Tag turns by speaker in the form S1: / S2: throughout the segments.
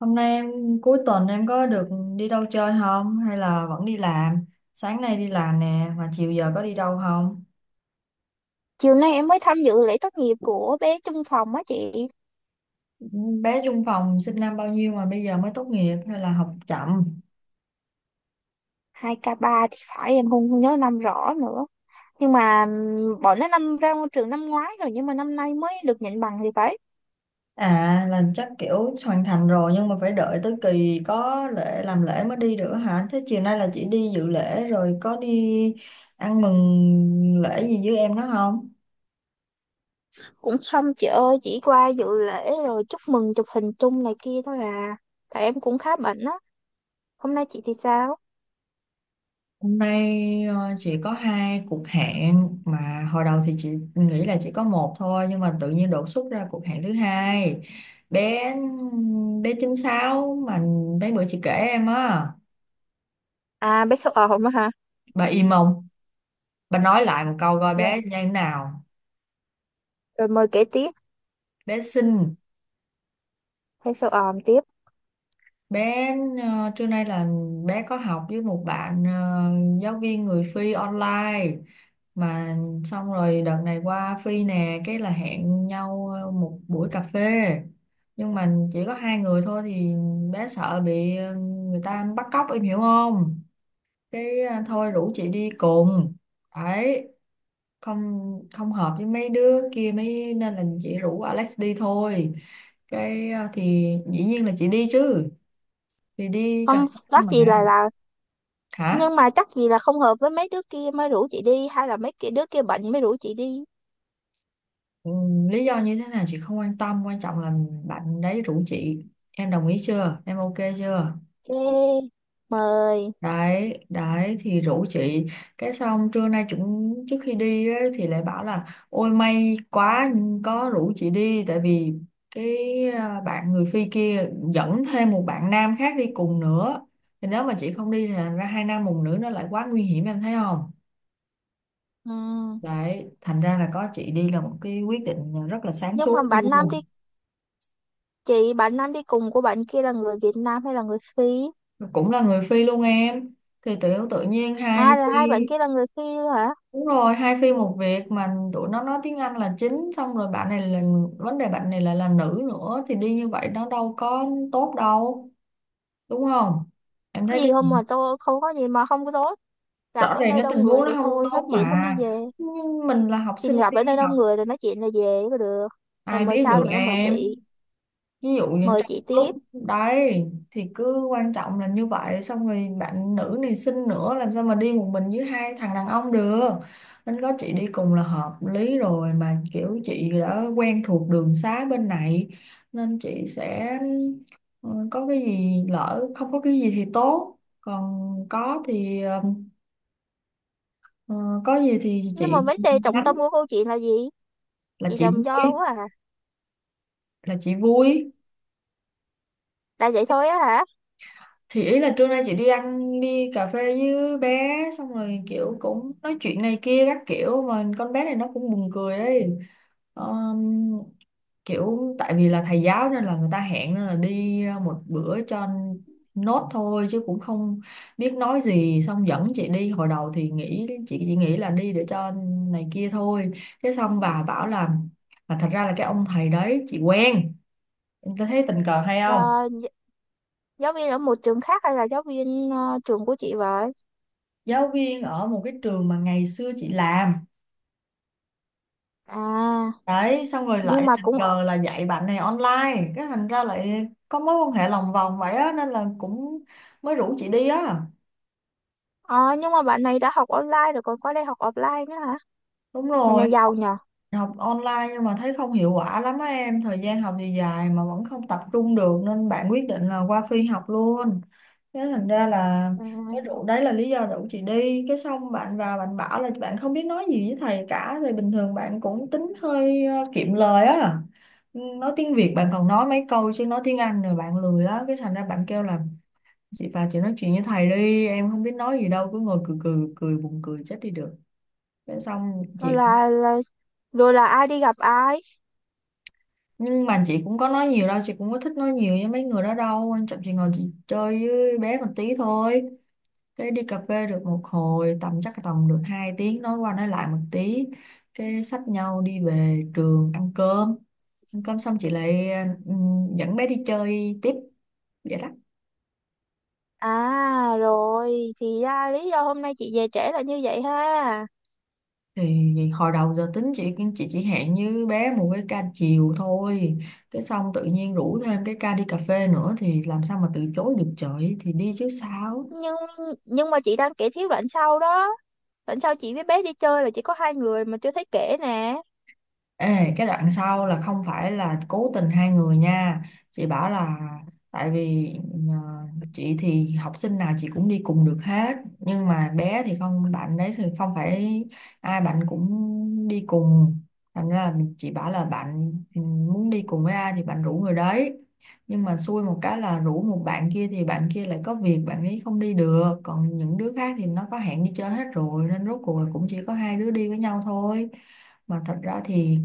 S1: Hôm nay em Cuối tuần em có được đi đâu chơi không hay là vẫn đi làm? Sáng nay đi làm nè mà chiều giờ có đi đâu không?
S2: Chiều nay em mới tham dự lễ tốt nghiệp của bé chung phòng á chị.
S1: Bé chung phòng sinh năm bao nhiêu mà bây giờ mới tốt nghiệp hay là học chậm?
S2: 2003 thì phải, em không không nhớ năm rõ nữa. Nhưng mà bọn nó năm ra ngôi trường năm ngoái rồi, nhưng mà năm nay mới được nhận bằng thì phải.
S1: À, là chắc kiểu hoàn thành rồi nhưng mà phải đợi tới kỳ có lễ làm lễ mới đi được hả? Thế chiều nay là chị đi dự lễ rồi có đi ăn mừng lễ gì với em đó không?
S2: Cũng xong chị ơi, chỉ qua dự lễ rồi chúc mừng chụp hình chung này kia thôi à. Tại em cũng khá bận á. Hôm nay chị thì sao?
S1: Hôm nay chỉ có hai cuộc hẹn, mà hồi đầu thì chị nghĩ là chỉ có một thôi, nhưng mà tự nhiên đột xuất ra cuộc hẹn thứ hai. Bé bé 96 mà, mấy bữa chị kể em á.
S2: À, bé sâu ồm á hả?
S1: Bà im không? Bà nói lại một câu coi
S2: Rồi,
S1: bé như thế nào.
S2: rồi mời kể tiếp.
S1: Bé xinh.
S2: Bé sâu ồm tiếp.
S1: bé Trưa nay là bé có học với một bạn, giáo viên người Phi online, mà xong rồi đợt này qua Phi nè, cái là hẹn nhau một buổi cà phê. Nhưng mà chỉ có hai người thôi thì bé sợ bị, người ta bắt cóc, em hiểu không? Cái, thôi rủ chị đi cùng đấy. Không không hợp với mấy đứa kia mấy nên là chị rủ Alex đi thôi. Cái, thì dĩ nhiên là chị đi chứ, thì đi cà
S2: Không
S1: phê
S2: chắc
S1: mà.
S2: gì là.
S1: Hả?
S2: Nhưng mà chắc gì là không hợp với mấy đứa kia mới rủ chị đi, hay là mấy kia đứa kia bệnh mới rủ chị đi?
S1: Ừ, lý do như thế nào chị không quan tâm, quan trọng là bạn đấy rủ chị. Em đồng ý chưa, em ok chưa?
S2: Ê, mời.
S1: Đấy đấy, thì rủ chị. Cái xong trưa nay chúng trước khi đi ấy, thì lại bảo là ôi may quá có rủ chị đi, tại vì cái, à, bạn người Phi kia dẫn thêm một bạn nam khác đi cùng nữa. Thì nếu mà chị không đi thì thành ra hai nam một nữ, nó lại quá nguy hiểm, em thấy không?
S2: Ừ.
S1: Đấy, thành ra là có chị đi là một cái quyết định rất là sáng
S2: Nhưng mà
S1: suốt
S2: bạn Nam
S1: luôn.
S2: đi, chị bạn Nam đi cùng của bạn kia là người Việt Nam hay là người Phi?
S1: Cũng là người Phi luôn em. Thì tự tự nhiên hai
S2: À là
S1: Phi,
S2: hai bạn kia là người Phi luôn hả?
S1: đúng rồi, hai Phi một việc, mà tụi nó nói tiếng Anh là chính, xong rồi bạn này là, vấn đề bạn này là nữ nữa, thì đi như vậy nó đâu có tốt đâu, đúng không? Em
S2: Có
S1: thấy cái,
S2: gì không mà tôi không có gì mà không có tốt. Gặp
S1: rõ
S2: ở
S1: ràng
S2: nơi
S1: cái
S2: đông
S1: tình
S2: người
S1: huống nó
S2: thì
S1: không
S2: thôi nói
S1: tốt
S2: chuyện
S1: mà.
S2: xong đi về.
S1: Nhưng mình là học
S2: Thì
S1: sinh
S2: gặp
S1: đi
S2: ở nơi đông
S1: học,
S2: người rồi nói chuyện là về có được. Rồi
S1: ai
S2: mời
S1: biết
S2: sao
S1: được
S2: nữa
S1: em. Ví dụ như
S2: mời
S1: trong
S2: chị tiếp.
S1: lúc đấy, thì cứ quan trọng là như vậy, xong rồi bạn nữ này xinh nữa, làm sao mà đi một mình với hai thằng đàn ông được, nên có chị đi cùng là hợp lý rồi mà, kiểu chị đã quen thuộc đường xá bên này nên chị sẽ, ừ, có cái gì lỡ, không có cái gì thì tốt, còn có thì ờ, có gì thì
S2: Nhưng
S1: chị
S2: mà vấn đề trọng
S1: nhắn,
S2: tâm của câu chuyện là gì?
S1: là
S2: Chị
S1: chị
S2: làm
S1: vui,
S2: do quá à.
S1: là chị vui.
S2: Là vậy thôi á hả?
S1: Thì ý là trưa nay chị đi ăn đi cà phê với bé, xong rồi kiểu cũng nói chuyện này kia các kiểu, mà con bé này nó cũng buồn cười ấy. Ờm, Kiểu tại vì là thầy giáo nên là người ta hẹn, nên là đi một bữa cho nốt thôi chứ cũng không biết nói gì, xong dẫn chị đi. Hồi đầu thì nghĩ chị chỉ nghĩ là đi để cho này kia thôi. Cái xong bà bảo là, mà thật ra là cái ông thầy đấy chị quen, em thấy tình cờ hay không?
S2: Là gi- giáo viên ở một trường khác hay là giáo viên trường của chị vậy?
S1: Giáo viên ở một cái trường mà ngày xưa chị làm
S2: À
S1: đấy, xong rồi
S2: nhưng
S1: lại
S2: mà
S1: tình
S2: cũng
S1: cờ là dạy bạn này online, cái thành ra lại có mối quan hệ lòng vòng vậy á, nên là cũng mới rủ chị đi á.
S2: ờ nhưng mà bạn này đã học online rồi còn qua đây học offline nữa hả?
S1: Đúng
S2: Mình là
S1: rồi.
S2: giàu nhờ.
S1: Học online nhưng mà thấy không hiệu quả lắm á em, thời gian học thì dài mà vẫn không tập trung được, nên bạn quyết định là qua Phi học luôn. Thế thành ra là
S2: À,
S1: cái rủ đấy là lý do rủ chị đi. Cái xong bạn vào bạn bảo là bạn không biết nói gì với thầy cả, thì bình thường bạn cũng tính hơi kiệm lời á. Ừ, nói tiếng Việt bạn còn nói mấy câu, chứ nói tiếng Anh rồi bạn lười á, cái thành ra bạn kêu là chị vào chị nói chuyện với thầy đi, em không biết nói gì đâu, cứ ngồi cười cười cười, buồn cười chết đi được. Thế xong
S2: rồi
S1: chị,
S2: là ai đi gặp ai.
S1: nhưng mà chị cũng có nói nhiều đâu, chị cũng có thích nói nhiều với mấy người đó đâu, quan trọng chị ngồi chị chơi với bé một tí thôi. Cái đi cà phê được một hồi, tầm chắc tầm được 2 tiếng nói qua nói lại một tí, cái xách nhau đi về trường ăn cơm. Ăn cơm xong chị lại dẫn bé đi chơi tiếp, vậy đó.
S2: À rồi thì ra lý do hôm nay chị về trễ là như vậy ha.
S1: Thì hồi đầu giờ tính chị chỉ hẹn như bé một cái ca chiều thôi, cái xong tự nhiên rủ thêm cái ca đi cà phê nữa, thì làm sao mà từ chối được trời, thì đi chứ sao.
S2: Nhưng nhưng mà chị đang kể thiếu đoạn sau đó. Đoạn sau chị với bé đi chơi là chỉ có hai người mà chưa thấy kể nè.
S1: Ê, cái đoạn sau là không phải là cố tình hai người nha. Chị bảo là, tại vì ờ, chị thì học sinh nào chị cũng đi cùng được hết, nhưng mà bé thì không, bạn đấy thì không phải ai bạn cũng đi cùng. Thành ra là chị bảo là bạn, muốn đi cùng với ai thì bạn rủ người đấy. Nhưng mà xui một cái là rủ một bạn kia thì bạn kia lại có việc, bạn ấy không đi được, còn những đứa khác thì nó có hẹn đi chơi hết rồi, nên rốt cuộc là cũng chỉ có hai đứa đi với nhau thôi. Mà thật ra thì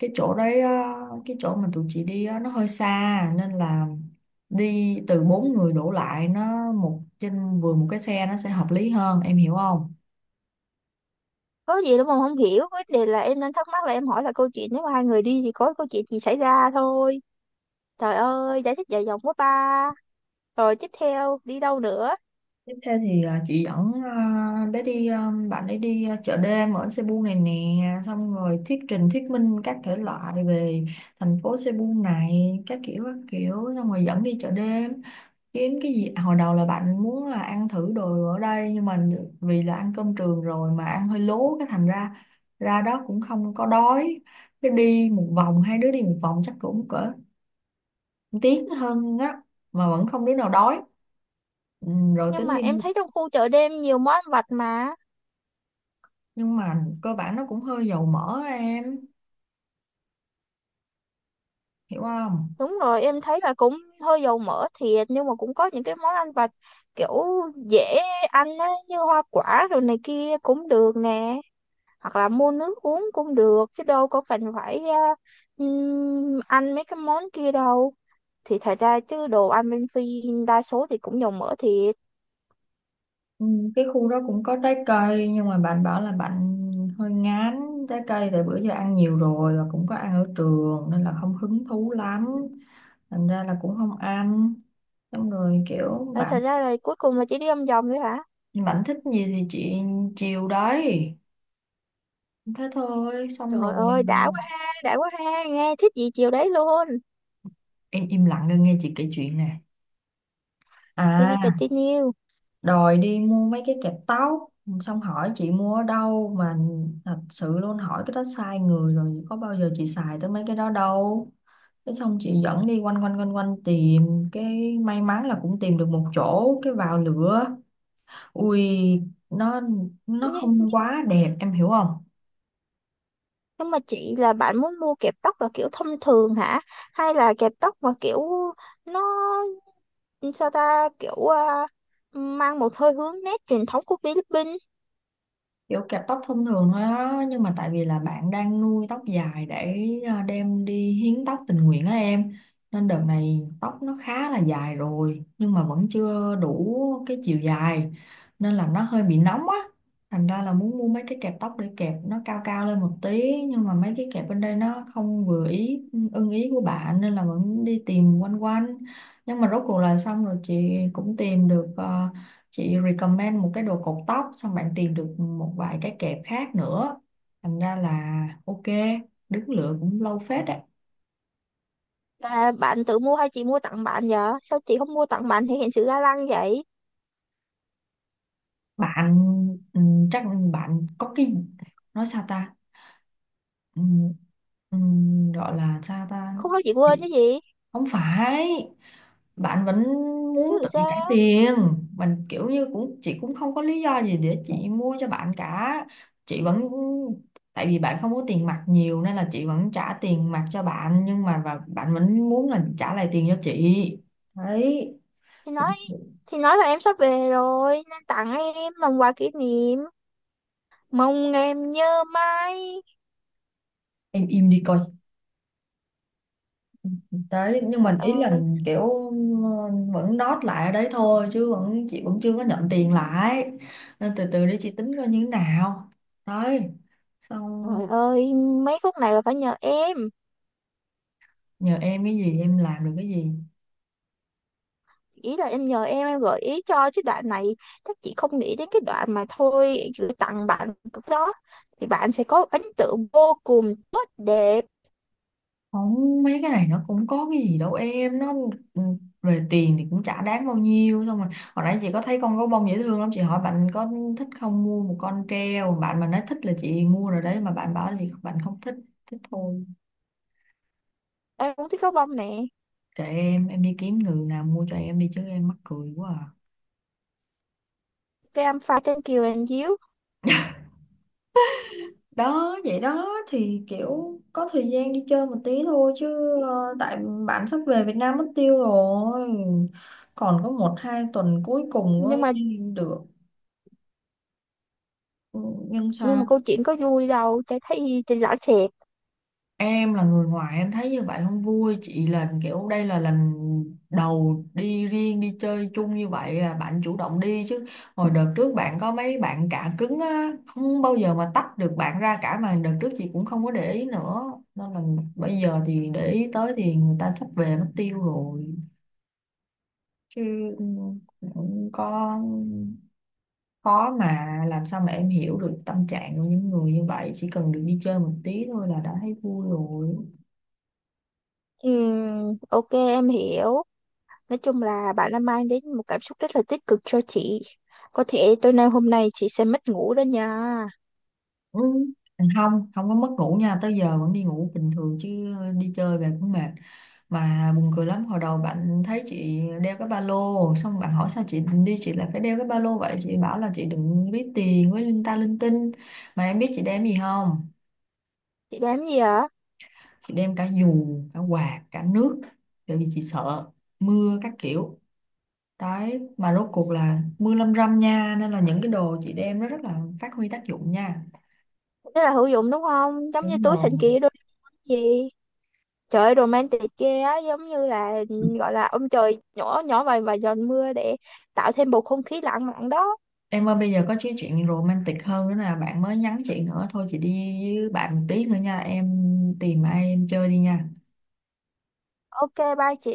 S1: cái chỗ đấy á, cái chỗ mà tụi chị đi á, nó hơi xa, nên là đi từ bốn người đổ lại, nó một trên vừa một cái xe nó sẽ hợp lý hơn, em hiểu không?
S2: Có gì đâu mà không hiểu, vấn đề là em đang thắc mắc là em hỏi là câu chuyện nếu mà hai người đi thì có câu chuyện gì xảy ra thôi. Trời ơi, giải thích dài dòng quá ba. Rồi tiếp theo đi đâu nữa?
S1: Tiếp theo thì à, chị dẫn, à, bé đi, à, bạn ấy đi, à, chợ đêm ở Cebu này nè, xong rồi thuyết trình thuyết minh các thể loại về thành phố Cebu này các kiểu các kiểu, xong rồi dẫn đi chợ đêm kiếm cái gì. À, hồi đầu là bạn muốn là ăn thử đồ ở đây, nhưng mà vì là ăn cơm trường rồi mà ăn hơi lố, cái thành ra ra đó cũng không có đói. Cái đi một vòng, hai đứa đi một vòng chắc cũng cỡ 1 tiếng hơn á, mà vẫn không đứa nào đói. Ừ, rồi
S2: Nhưng
S1: tính
S2: mà
S1: đi
S2: em
S1: mua.
S2: thấy trong khu chợ đêm nhiều món ăn vặt mà.
S1: Nhưng mà cơ bản nó cũng hơi dầu mỡ, em hiểu không?
S2: Đúng rồi, em thấy là cũng hơi dầu mỡ thiệt, nhưng mà cũng có những cái món ăn vặt kiểu dễ ăn á, như hoa quả rồi này kia cũng được nè. Hoặc là mua nước uống cũng được chứ đâu có cần phải ăn mấy cái món kia đâu. Thì thật ra chứ đồ ăn bên Phi đa số thì cũng dầu mỡ thiệt.
S1: Ừ, cái khu đó cũng có trái cây, nhưng mà bạn bảo là bạn hơi ngán trái cây, tại bữa giờ ăn nhiều rồi, và cũng có ăn ở trường nên là không hứng thú lắm, thành ra là cũng không ăn. Xong rồi kiểu
S2: Ờ, thật
S1: bạn
S2: ra là cuối cùng là chỉ đi ăn vòng thôi hả?
S1: bạn thích gì thì chị chiều đấy, thế thôi. Xong
S2: Trời
S1: rồi
S2: ơi, đã quá ha, nghe thích gì chiều đấy luôn.
S1: em im lặng nghe nghe chị kể chuyện nè,
S2: To be
S1: à,
S2: continue.
S1: đòi đi mua mấy cái kẹp tóc, xong hỏi chị mua ở đâu. Mà thật sự luôn, hỏi cái đó sai người rồi, có bao giờ chị xài tới mấy cái đó đâu. Thế xong chị dẫn đi quanh quanh quanh quanh tìm cái, may mắn là cũng tìm được một chỗ, cái vào lửa. Ui, nó nó
S2: Nhưng, nhưng,
S1: không quá đẹp, em hiểu không?
S2: nhưng mà chị là bạn muốn mua kẹp tóc là kiểu thông thường hả? Hay là kẹp tóc mà kiểu nó, sao ta, kiểu mang một hơi hướng nét truyền thống của Philippines?
S1: Kiểu kẹp tóc thông thường thôi á, nhưng mà tại vì là bạn đang nuôi tóc dài để, à, đem đi hiến tóc tình nguyện á em, nên đợt này tóc nó khá là dài rồi nhưng mà vẫn chưa đủ cái chiều dài, nên là nó hơi bị nóng á, thành ra là muốn mua mấy cái kẹp tóc để kẹp nó cao cao lên một tí, nhưng mà mấy cái kẹp bên đây nó không vừa ý, ưng ý của bạn, nên là vẫn đi tìm quanh quanh. Nhưng mà rốt cuộc là xong rồi chị cũng tìm được, chị recommend một cái đồ cột tóc, xong bạn tìm được một vài cái kẹp khác nữa, thành ra là ok. Đứng lựa cũng lâu phết đấy.
S2: Là bạn tự mua hay chị mua tặng bạn vậy? Sao chị không mua tặng bạn thể hiện sự ga lăng vậy?
S1: Bạn, ừ, chắc bạn có cái, nói sao ta. Ừ, ừ, gọi là sao ta.
S2: Không nói chị quên chứ gì?
S1: Không phải, bạn vẫn
S2: Chứ
S1: muốn
S2: làm
S1: tự trả
S2: sao?
S1: tiền. Mình kiểu như cũng, chị cũng không có lý do gì để chị mua cho bạn cả. Chị vẫn, tại vì bạn không có tiền mặt nhiều nên là chị vẫn trả tiền mặt cho bạn, nhưng mà, và bạn vẫn muốn là trả lại tiền cho chị đấy.
S2: Thì nói thì nói là em sắp về rồi nên tặng em làm quà kỷ niệm, mong em nhớ mãi.
S1: Em im đi coi. Đấy, nhưng
S2: Trời
S1: mà ý là
S2: ơi,
S1: kiểu vẫn đót lại ở đấy thôi, chứ vẫn, chị vẫn chưa có nhận tiền lại, nên từ từ để chị tính coi như thế nào đấy, xong.
S2: trời ơi, mấy khúc này là phải nhờ em.
S1: Nhờ em cái gì, em làm được cái gì?
S2: Ý là em nhờ em gợi ý cho chứ đoạn này các chị không nghĩ đến cái đoạn mà thôi gửi tặng bạn cũng đó. Thì bạn sẽ có ấn tượng vô cùng tốt đẹp.
S1: Không, mấy cái này nó cũng có cái gì đâu em, nó, ừ, về tiền thì cũng chả đáng bao nhiêu. Xong rồi hồi nãy chị có thấy con gấu bông dễ thương lắm, chị hỏi bạn có thích không, mua một con treo, bạn mà nói thích là chị mua rồi đấy, mà bạn bảo là, chị, bạn không thích, thích thôi.
S2: Em cũng thích gấu bông nè.
S1: Kệ em đi kiếm người nào mua cho em đi chứ, em mắc cười quá à.
S2: Cái em pha trên kiều anh díu.
S1: Đó, vậy đó thì kiểu có thời gian đi chơi một tí thôi chứ, tại bạn sắp về Việt Nam mất tiêu rồi, còn có một hai tuần cuối cùng
S2: Nhưng
S1: mới
S2: mà
S1: đi được. Ừ, nhưng
S2: nhưng
S1: sao.
S2: mà câu chuyện có vui đâu, chả thấy trên rõ sệt.
S1: Em là người ngoài em thấy như vậy không vui, chị là kiểu đây là lần đầu đi riêng đi chơi chung như vậy, à, bạn chủ động đi chứ. Hồi đợt trước bạn có mấy bạn cả cứng á, không bao giờ mà tách được bạn ra cả, mà đợt trước chị cũng không có để ý nữa, nên là bây giờ thì để ý tới thì người ta sắp về mất tiêu rồi. Chứ, ừ, cũng có khó, mà làm sao mà em hiểu được tâm trạng của những người như vậy. Chỉ cần được đi chơi một tí thôi là đã thấy vui rồi.
S2: Ok em hiểu. Nói chung là bạn đã mang đến một cảm xúc rất là tích cực cho chị. Có thể tối nay hôm nay chị sẽ mất ngủ đó nha.
S1: Ừ. Không, không có mất ngủ nha, tới giờ vẫn đi ngủ bình thường chứ đi chơi về cũng mệt. Mà buồn cười lắm, hồi đầu bạn thấy chị đeo cái ba lô, xong bạn hỏi sao chị đi chị lại phải đeo cái ba lô vậy, chị bảo là chị đừng ví tiền với linh ta linh tinh. Mà em biết chị đem gì không?
S2: Chị làm gì ạ?
S1: Chị đem cả dù, cả quạt, cả nước, bởi vì chị sợ mưa các kiểu. Đấy, mà rốt cuộc là mưa lâm râm nha, nên là những cái đồ chị đem nó rất là phát huy tác dụng nha.
S2: Rất là hữu dụng đúng không, giống như
S1: Đúng
S2: túi
S1: rồi.
S2: thần kỳ đôi gì. Trời ơi, romantic ghê á, giống như là gọi là ông trời nhỏ nhỏ vài vài giọt mưa để tạo thêm bầu không khí lãng mạn đó.
S1: Em ơi bây giờ có cái chuyện romantic hơn nữa là bạn mới nhắn chị nữa, thôi chị đi với bạn một tí nữa nha, em tìm ai em chơi đi nha.
S2: Ok, bye chị.